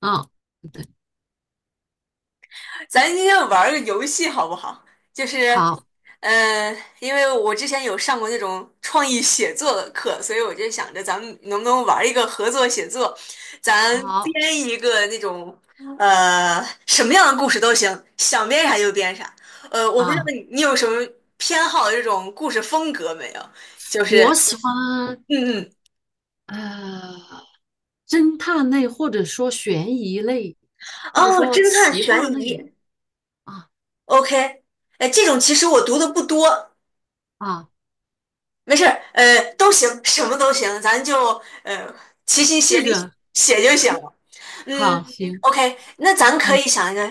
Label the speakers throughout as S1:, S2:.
S1: 嗯，对，
S2: 咱今天玩儿个游戏好不好？就是，
S1: 好，
S2: 因为我之前有上过那种创意写作的课，所以我就想着咱们能不能玩儿一个合作写作，咱编
S1: 好
S2: 一个那种，什么样的故事都行，想编啥就编啥。我不知道
S1: 啊，
S2: 你有什么偏好的这种故事风格没有？就是，
S1: 我喜欢
S2: 嗯嗯，
S1: 呃侦探类，或者说悬疑类，或者
S2: 哦，
S1: 说
S2: 侦探
S1: 奇
S2: 悬
S1: 幻类。
S2: 疑
S1: 啊，
S2: ，OK，哎，这种其实我读的不多。
S1: 啊，
S2: 没事儿，都行，什么都行，咱就呃齐心协
S1: 试
S2: 力
S1: 着
S2: 写就行了。
S1: 好
S2: 嗯
S1: 行。
S2: ，OK,那咱可
S1: 嗯，
S2: 以想一个，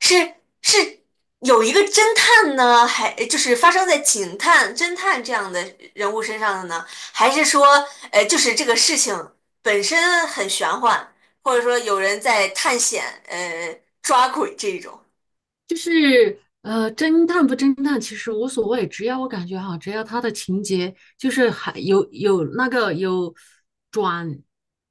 S2: 是是有一个侦探呢，还就是发生在警探、侦探这样的人物身上的呢，还是说，就是这个事情本身很玄幻，或者说有人在探险，抓鬼这一种。
S1: 就是侦探不侦探其实无所谓，只要我感觉哈，只要他的情节就是还有那个有转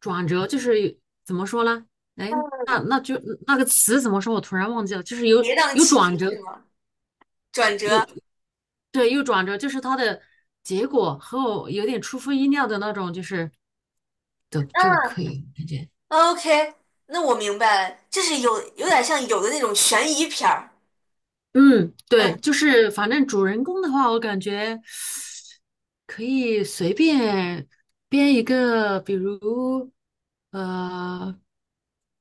S1: 转折，就是怎么说呢？哎，那就那个词怎么说？我突然忘记了，就是有
S2: 跌宕
S1: 有
S2: 起伏
S1: 转折。
S2: 是吗？转折。
S1: 对，又转折，就是它的结果和我有点出乎意料的那种，就是的就可以感觉。
S2: OK,那我明白了，就是有点像有的那种悬疑片儿。
S1: 嗯，对，
S2: 嗯，
S1: 就是反正主人公的话，我感觉可以随便编一个，比如呃，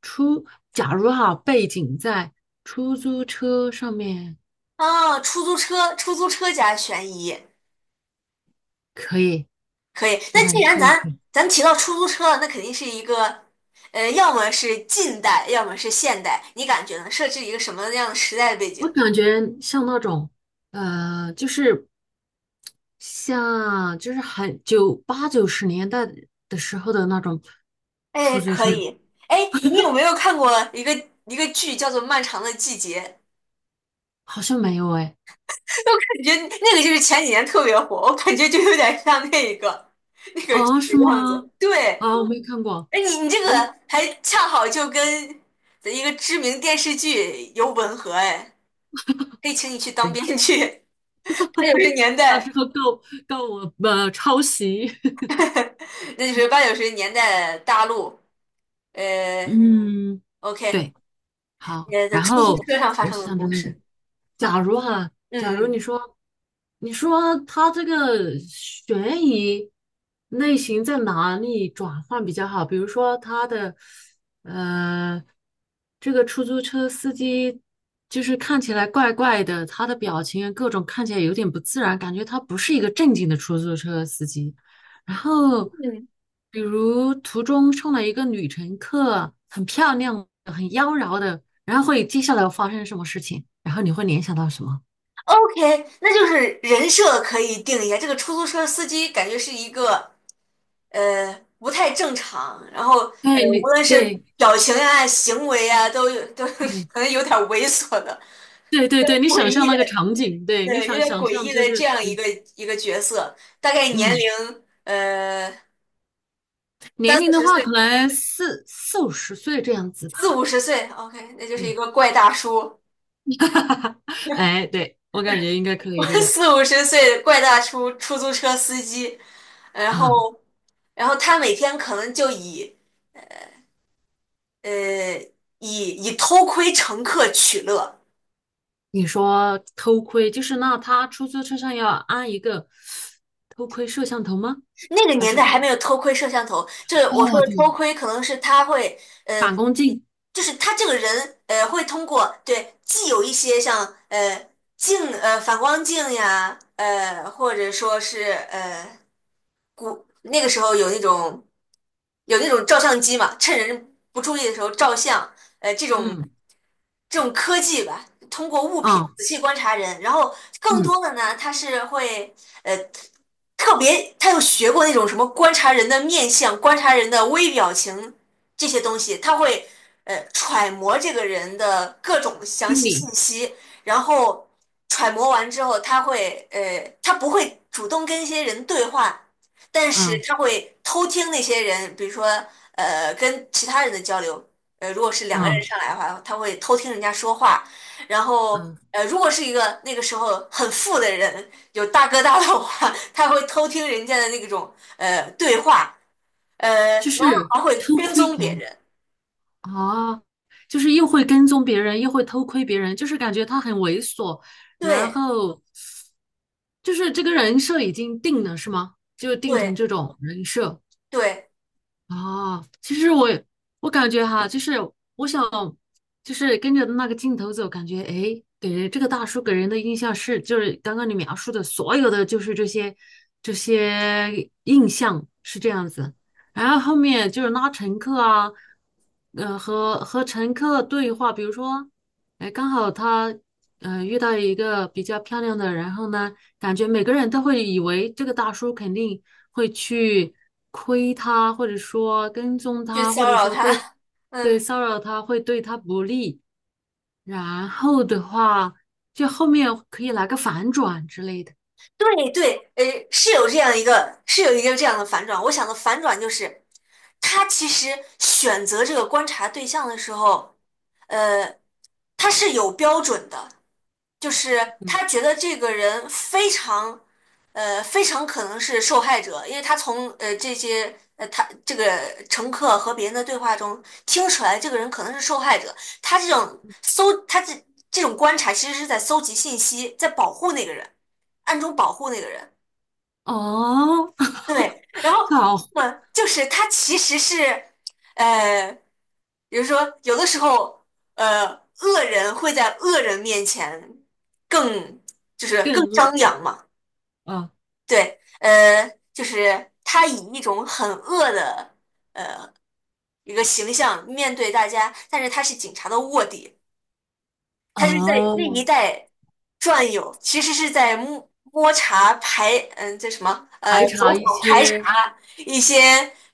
S1: 出，假如哈，背景在出租车上面。
S2: 啊，出租车，出租车加悬疑，
S1: 可以，
S2: 可以。
S1: 我
S2: 那
S1: 感
S2: 既
S1: 觉
S2: 然
S1: 这个。
S2: 咱提到出租车了，那肯定是一个，要么是近代，要么是现代，你感觉呢？设置一个什么样的时代的背景？
S1: 我感觉像那种，就是像就是很九八九十年代的时候的那种
S2: 哎，
S1: 出租
S2: 可
S1: 车，
S2: 以。哎，你有没有看过一个剧叫做《漫长的季节》？
S1: 好像没有哎。
S2: 我感觉那个就是前几年特别火，我感觉就有点像那个剧
S1: 啊，
S2: 的
S1: 是
S2: 样子。
S1: 吗？
S2: 对。
S1: 啊，我没看过。
S2: 哎，你这个
S1: 我
S2: 还恰好就跟一个知名电视剧有吻合哎，可以请你去当
S1: 对，
S2: 编剧。八九十年
S1: 到时
S2: 代，
S1: 候告我抄袭。
S2: 那就是八九十年代大陆，呃
S1: 嗯，
S2: ，OK,
S1: 对，好。
S2: 在
S1: 然
S2: 出租
S1: 后
S2: 车上发
S1: 我
S2: 生的
S1: 想着
S2: 故事。
S1: 假如哈，
S2: 嗯
S1: 假如你
S2: 嗯
S1: 说，你说他这个悬疑类型在哪里转换比较好？比如说，他的这个出租车司机就是看起来怪怪的，他的表情啊各种看起来有点不自然，感觉他不是一个正经的出租车司机。然后，
S2: 嗯
S1: 比如途中上来一个女乘客，很漂亮的很妖娆的，然后接下来会发生什么事情？然后你会联想到什么？
S2: ，OK,那就是人设可以定一下。这个出租车司机感觉是一个不太正常，然后
S1: 对，
S2: 无
S1: 你
S2: 论是
S1: 对
S2: 表情啊、行为啊，都有都
S1: 对，
S2: 可能有点猥琐的、
S1: 对对对对对你
S2: 诡
S1: 想
S2: 异
S1: 象那
S2: 的。
S1: 个场景，对你
S2: 对，有
S1: 想
S2: 点
S1: 想
S2: 诡
S1: 象
S2: 异
S1: 就
S2: 的这
S1: 是
S2: 样一
S1: 对。
S2: 个一个角色，大概年龄
S1: 嗯，
S2: 呃三
S1: 年龄
S2: 四
S1: 的
S2: 十
S1: 话，可
S2: 岁、
S1: 能四五十岁这样子吧。
S2: 四五十岁，OK,那就是一
S1: 对，
S2: 个怪大叔。
S1: 哎，对，我感觉应该可以这 个
S2: 四五十岁的怪大叔，出租车司机，然后
S1: 啊。
S2: 然后他每天可能就呃以偷窥乘客取乐。
S1: 你说偷窥，就是那他出租车上要安一个偷窥摄像头吗？
S2: 那个
S1: 还
S2: 年
S1: 是
S2: 代
S1: 说，
S2: 还没有偷窥摄像头，就是我说
S1: 哦，
S2: 的
S1: 对，
S2: 偷窥，可能是他会，呃，
S1: 反光镜？
S2: 就是他这个人，会通过对，既有一些像呃镜，呃反光镜呀，或者说是古那个时候有那种照相机嘛，趁人不注意的时候照相，呃，这种
S1: 嗯，
S2: 这种科技吧，通过物品
S1: 啊，
S2: 仔细观察人，然后更
S1: 嗯，
S2: 多的呢，他是会呃特别，他有学过那种什么观察人的面相、观察人的微表情这些东西，他会揣摩这个人的各种详细信息，然后揣摩完之后，他会他不会主动跟一些人对话，但是
S1: 啊，
S2: 他会偷听那些人，比如说跟其他人的交流。如果是两个人
S1: 啊，
S2: 上来的话，他会偷听人家说话，然后
S1: 嗯，
S2: 如果是一个那个时候很富的人，有大哥大的话，他会偷听人家的那种对话，
S1: 就
S2: 然后
S1: 是
S2: 还会
S1: 偷
S2: 跟
S1: 窥
S2: 踪别
S1: 狂。
S2: 人。
S1: 啊，就是又会跟踪别人，又会偷窥别人，就是感觉他很猥琐，然
S2: 对
S1: 后就是这个人设已经定了，是吗？就定成
S2: 对
S1: 这种人设。
S2: 对，
S1: 啊，其实我感觉哈，就是我想，就是跟着那个镜头走，感觉诶，给人这个大叔给人的印象是，就是刚刚你描述的所有的，就是这些印象是这样子。然后后面就是拉乘客啊，和乘客对话，比如说。哎，刚好他遇到一个比较漂亮的，然后呢，感觉每个人都会以为这个大叔肯定会去亏他，或者说跟踪
S2: 去
S1: 他，或
S2: 骚
S1: 者
S2: 扰
S1: 说对，
S2: 他。嗯，
S1: 对骚扰他，会对他不利。然后的话，就后面可以来个反转之类的。
S2: 对对，是有这样一个是有一个这样的反转，我想的反转就是，他其实选择这个观察对象的时候。呃，他是有标准的，就是他觉得这个人非常，非常可能是受害者，因为他从这些他这个乘客和别人的对话中听出来，这个人可能是受害者。他这种观察其实是在搜集信息，在保护那个人，暗中保护那个人。
S1: 哦，
S2: 对，然后
S1: 好，
S2: 就是他其实是，呃。比如说，有的时候，呃，恶人会在恶人面前更就是更
S1: 更恶
S2: 张扬嘛。
S1: 啊。
S2: 对，就是他以一种很恶的一个形象面对大家，但是他是警察的卧底，他是在那
S1: 哦，
S2: 一带转悠，其实是在摸查排，这什么，
S1: 排
S2: 走
S1: 查
S2: 访
S1: 一
S2: 排
S1: 些
S2: 查一些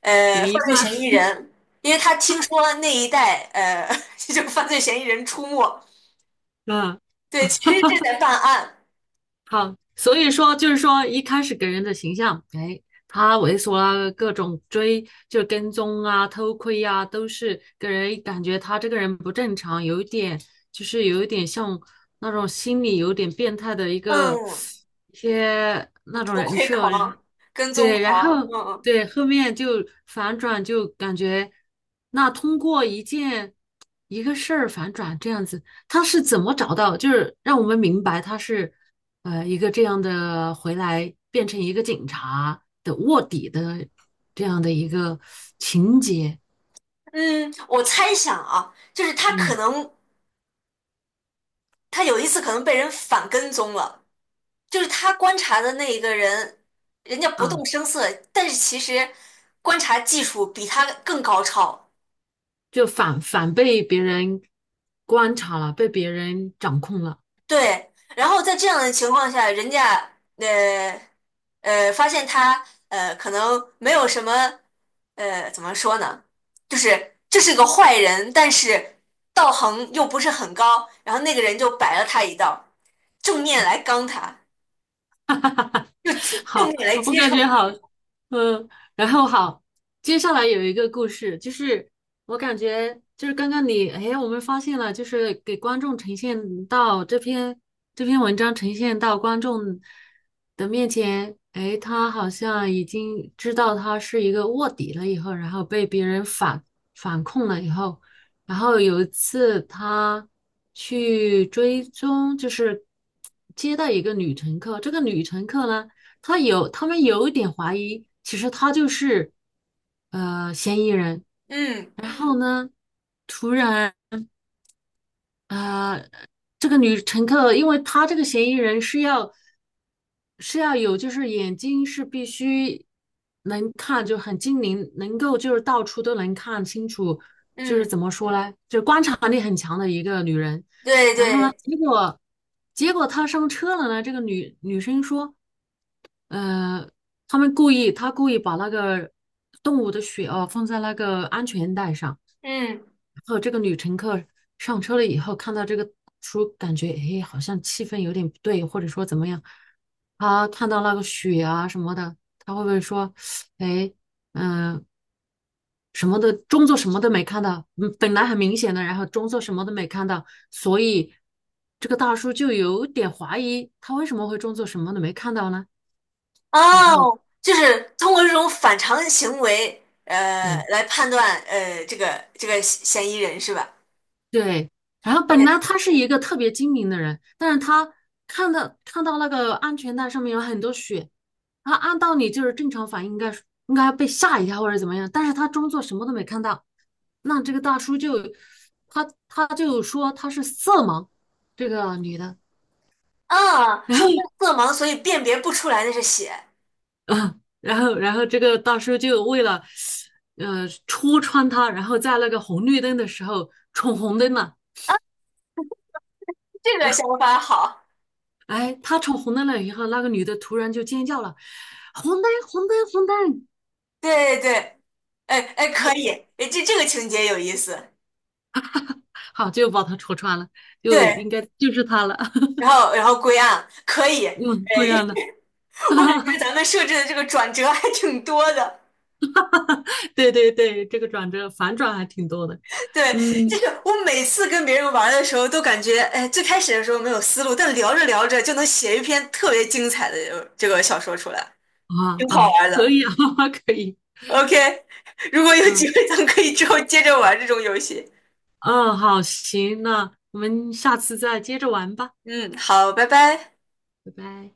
S1: 嫌
S2: 犯
S1: 疑
S2: 罪
S1: 犯
S2: 嫌疑人，因为他听说那一带就犯罪嫌疑人出没。
S1: 啊。
S2: 对，其实这在办案。
S1: 好，所以说就是说一开始给人的形象，哎，他猥琐啊，各种追，就跟踪啊，偷窥啊，都是给人感觉他这个人不正常，有一点像那种心理有点变态的一个
S2: 嗯，什
S1: 一些
S2: 么
S1: 那种
S2: 偷
S1: 人
S2: 窥
S1: 设。
S2: 狂、跟踪
S1: 对，然
S2: 狂。
S1: 后
S2: 嗯
S1: 对后面就反转，就感觉那通过一个事儿反转这样子，他是怎么找到，就是让我们明白他是一个这样的回来变成一个警察的卧底的这样的一个情节。
S2: 嗯，我猜想啊，就是
S1: 嗯
S2: 他有一次可能被人反跟踪了，就是他观察的那一个人，人家不动
S1: 啊，
S2: 声色，但是其实观察技术比他更高超。
S1: 就反被别人观察了，被别人掌控了。
S2: 对，然后在这样的情况下，人家呃发现他可能没有什么怎么说呢，就是这是个坏人，但是道行又不是很高，然后那个人就摆了他一道，正面来刚他，就 正
S1: 好，
S2: 面来
S1: 我
S2: 揭
S1: 感
S2: 穿。
S1: 觉好。嗯，然后好，接下来有一个故事，就是我感觉就是刚刚你，哎，我们发现了，就是给观众呈现到这篇文章呈现到观众的面前。哎，他好像已经知道他是一个卧底了以后，然后被别人反控了以后。然后有一次他去追踪，就是接待一个女乘客。这个女乘客呢，他们有一点怀疑，其实她就是嫌疑人。
S2: 嗯
S1: 然后呢，突然呃，这个女乘客，因为她这个嫌疑人是要有，就是眼睛是必须能看，就很精灵，能够就是到处都能看清楚，就是
S2: 嗯，
S1: 怎么说呢，就是观察力很强的一个女人。
S2: 对
S1: 呢
S2: 对，
S1: 结果他上车了呢，这个女生说，呃，他故意把那个动物的血哦放在那个安全带上。
S2: 嗯
S1: 然后这个女乘客上车了以后，看到这个书，感觉哎，好像气氛有点不对，或者说怎么样，她看到那个血啊什么的，她会不会说，哎，嗯、什么的，装作什么都没看到，嗯，本来很明显的，然后装作什么都没看到，所以这个大叔就有点怀疑他为什么会装作什么都没看到呢？然后
S2: 哦，就是通过这种反常行为
S1: 对
S2: 来判断这个嫌疑人是吧？
S1: 对，然后本
S2: 对
S1: 来他是一个特别精明的人，但是他看到那个安全带上面有很多血，然后按道理就是正常反应应该是应该被吓一跳或者怎么样，但是他装作什么都没看到，那这个大叔就他就说他是色盲，这个女的。
S2: 啊，
S1: 然
S2: 说
S1: 后
S2: 明色盲，所以辨别不出来那是血，
S1: 啊，然后这个大叔就为了戳穿他，然后在那个红绿灯的时候闯红灯了。
S2: 这个想法好。
S1: 哎，他闯红灯了以后，那个女的突然就尖叫了，红灯红灯红灯，
S2: 对对对，哎哎，可以，哎这个情节有意思。
S1: 好就把他戳穿了，就
S2: 对，
S1: 应该就是他了。
S2: 然后归案可以，哎，
S1: 嗯，贵阳的。
S2: 就 我感觉 咱们设置的这个转折还挺多的。
S1: 对对对，这个转折反转还挺多的。
S2: 对，就
S1: 嗯
S2: 是我每次跟别人玩的时候，都感觉哎，最开始的时候没有思路，但聊着聊着就能写一篇特别精彩的这个小说出来，
S1: 啊，
S2: 挺好
S1: 啊，
S2: 玩的。
S1: 可以啊。可以。
S2: OK,如果
S1: 嗯
S2: 有机
S1: 啊
S2: 会，咱们可以之后接着玩这种游戏。
S1: 嗯，好，行，那我们下次再接着玩吧。
S2: 嗯，好，拜拜。
S1: 拜拜。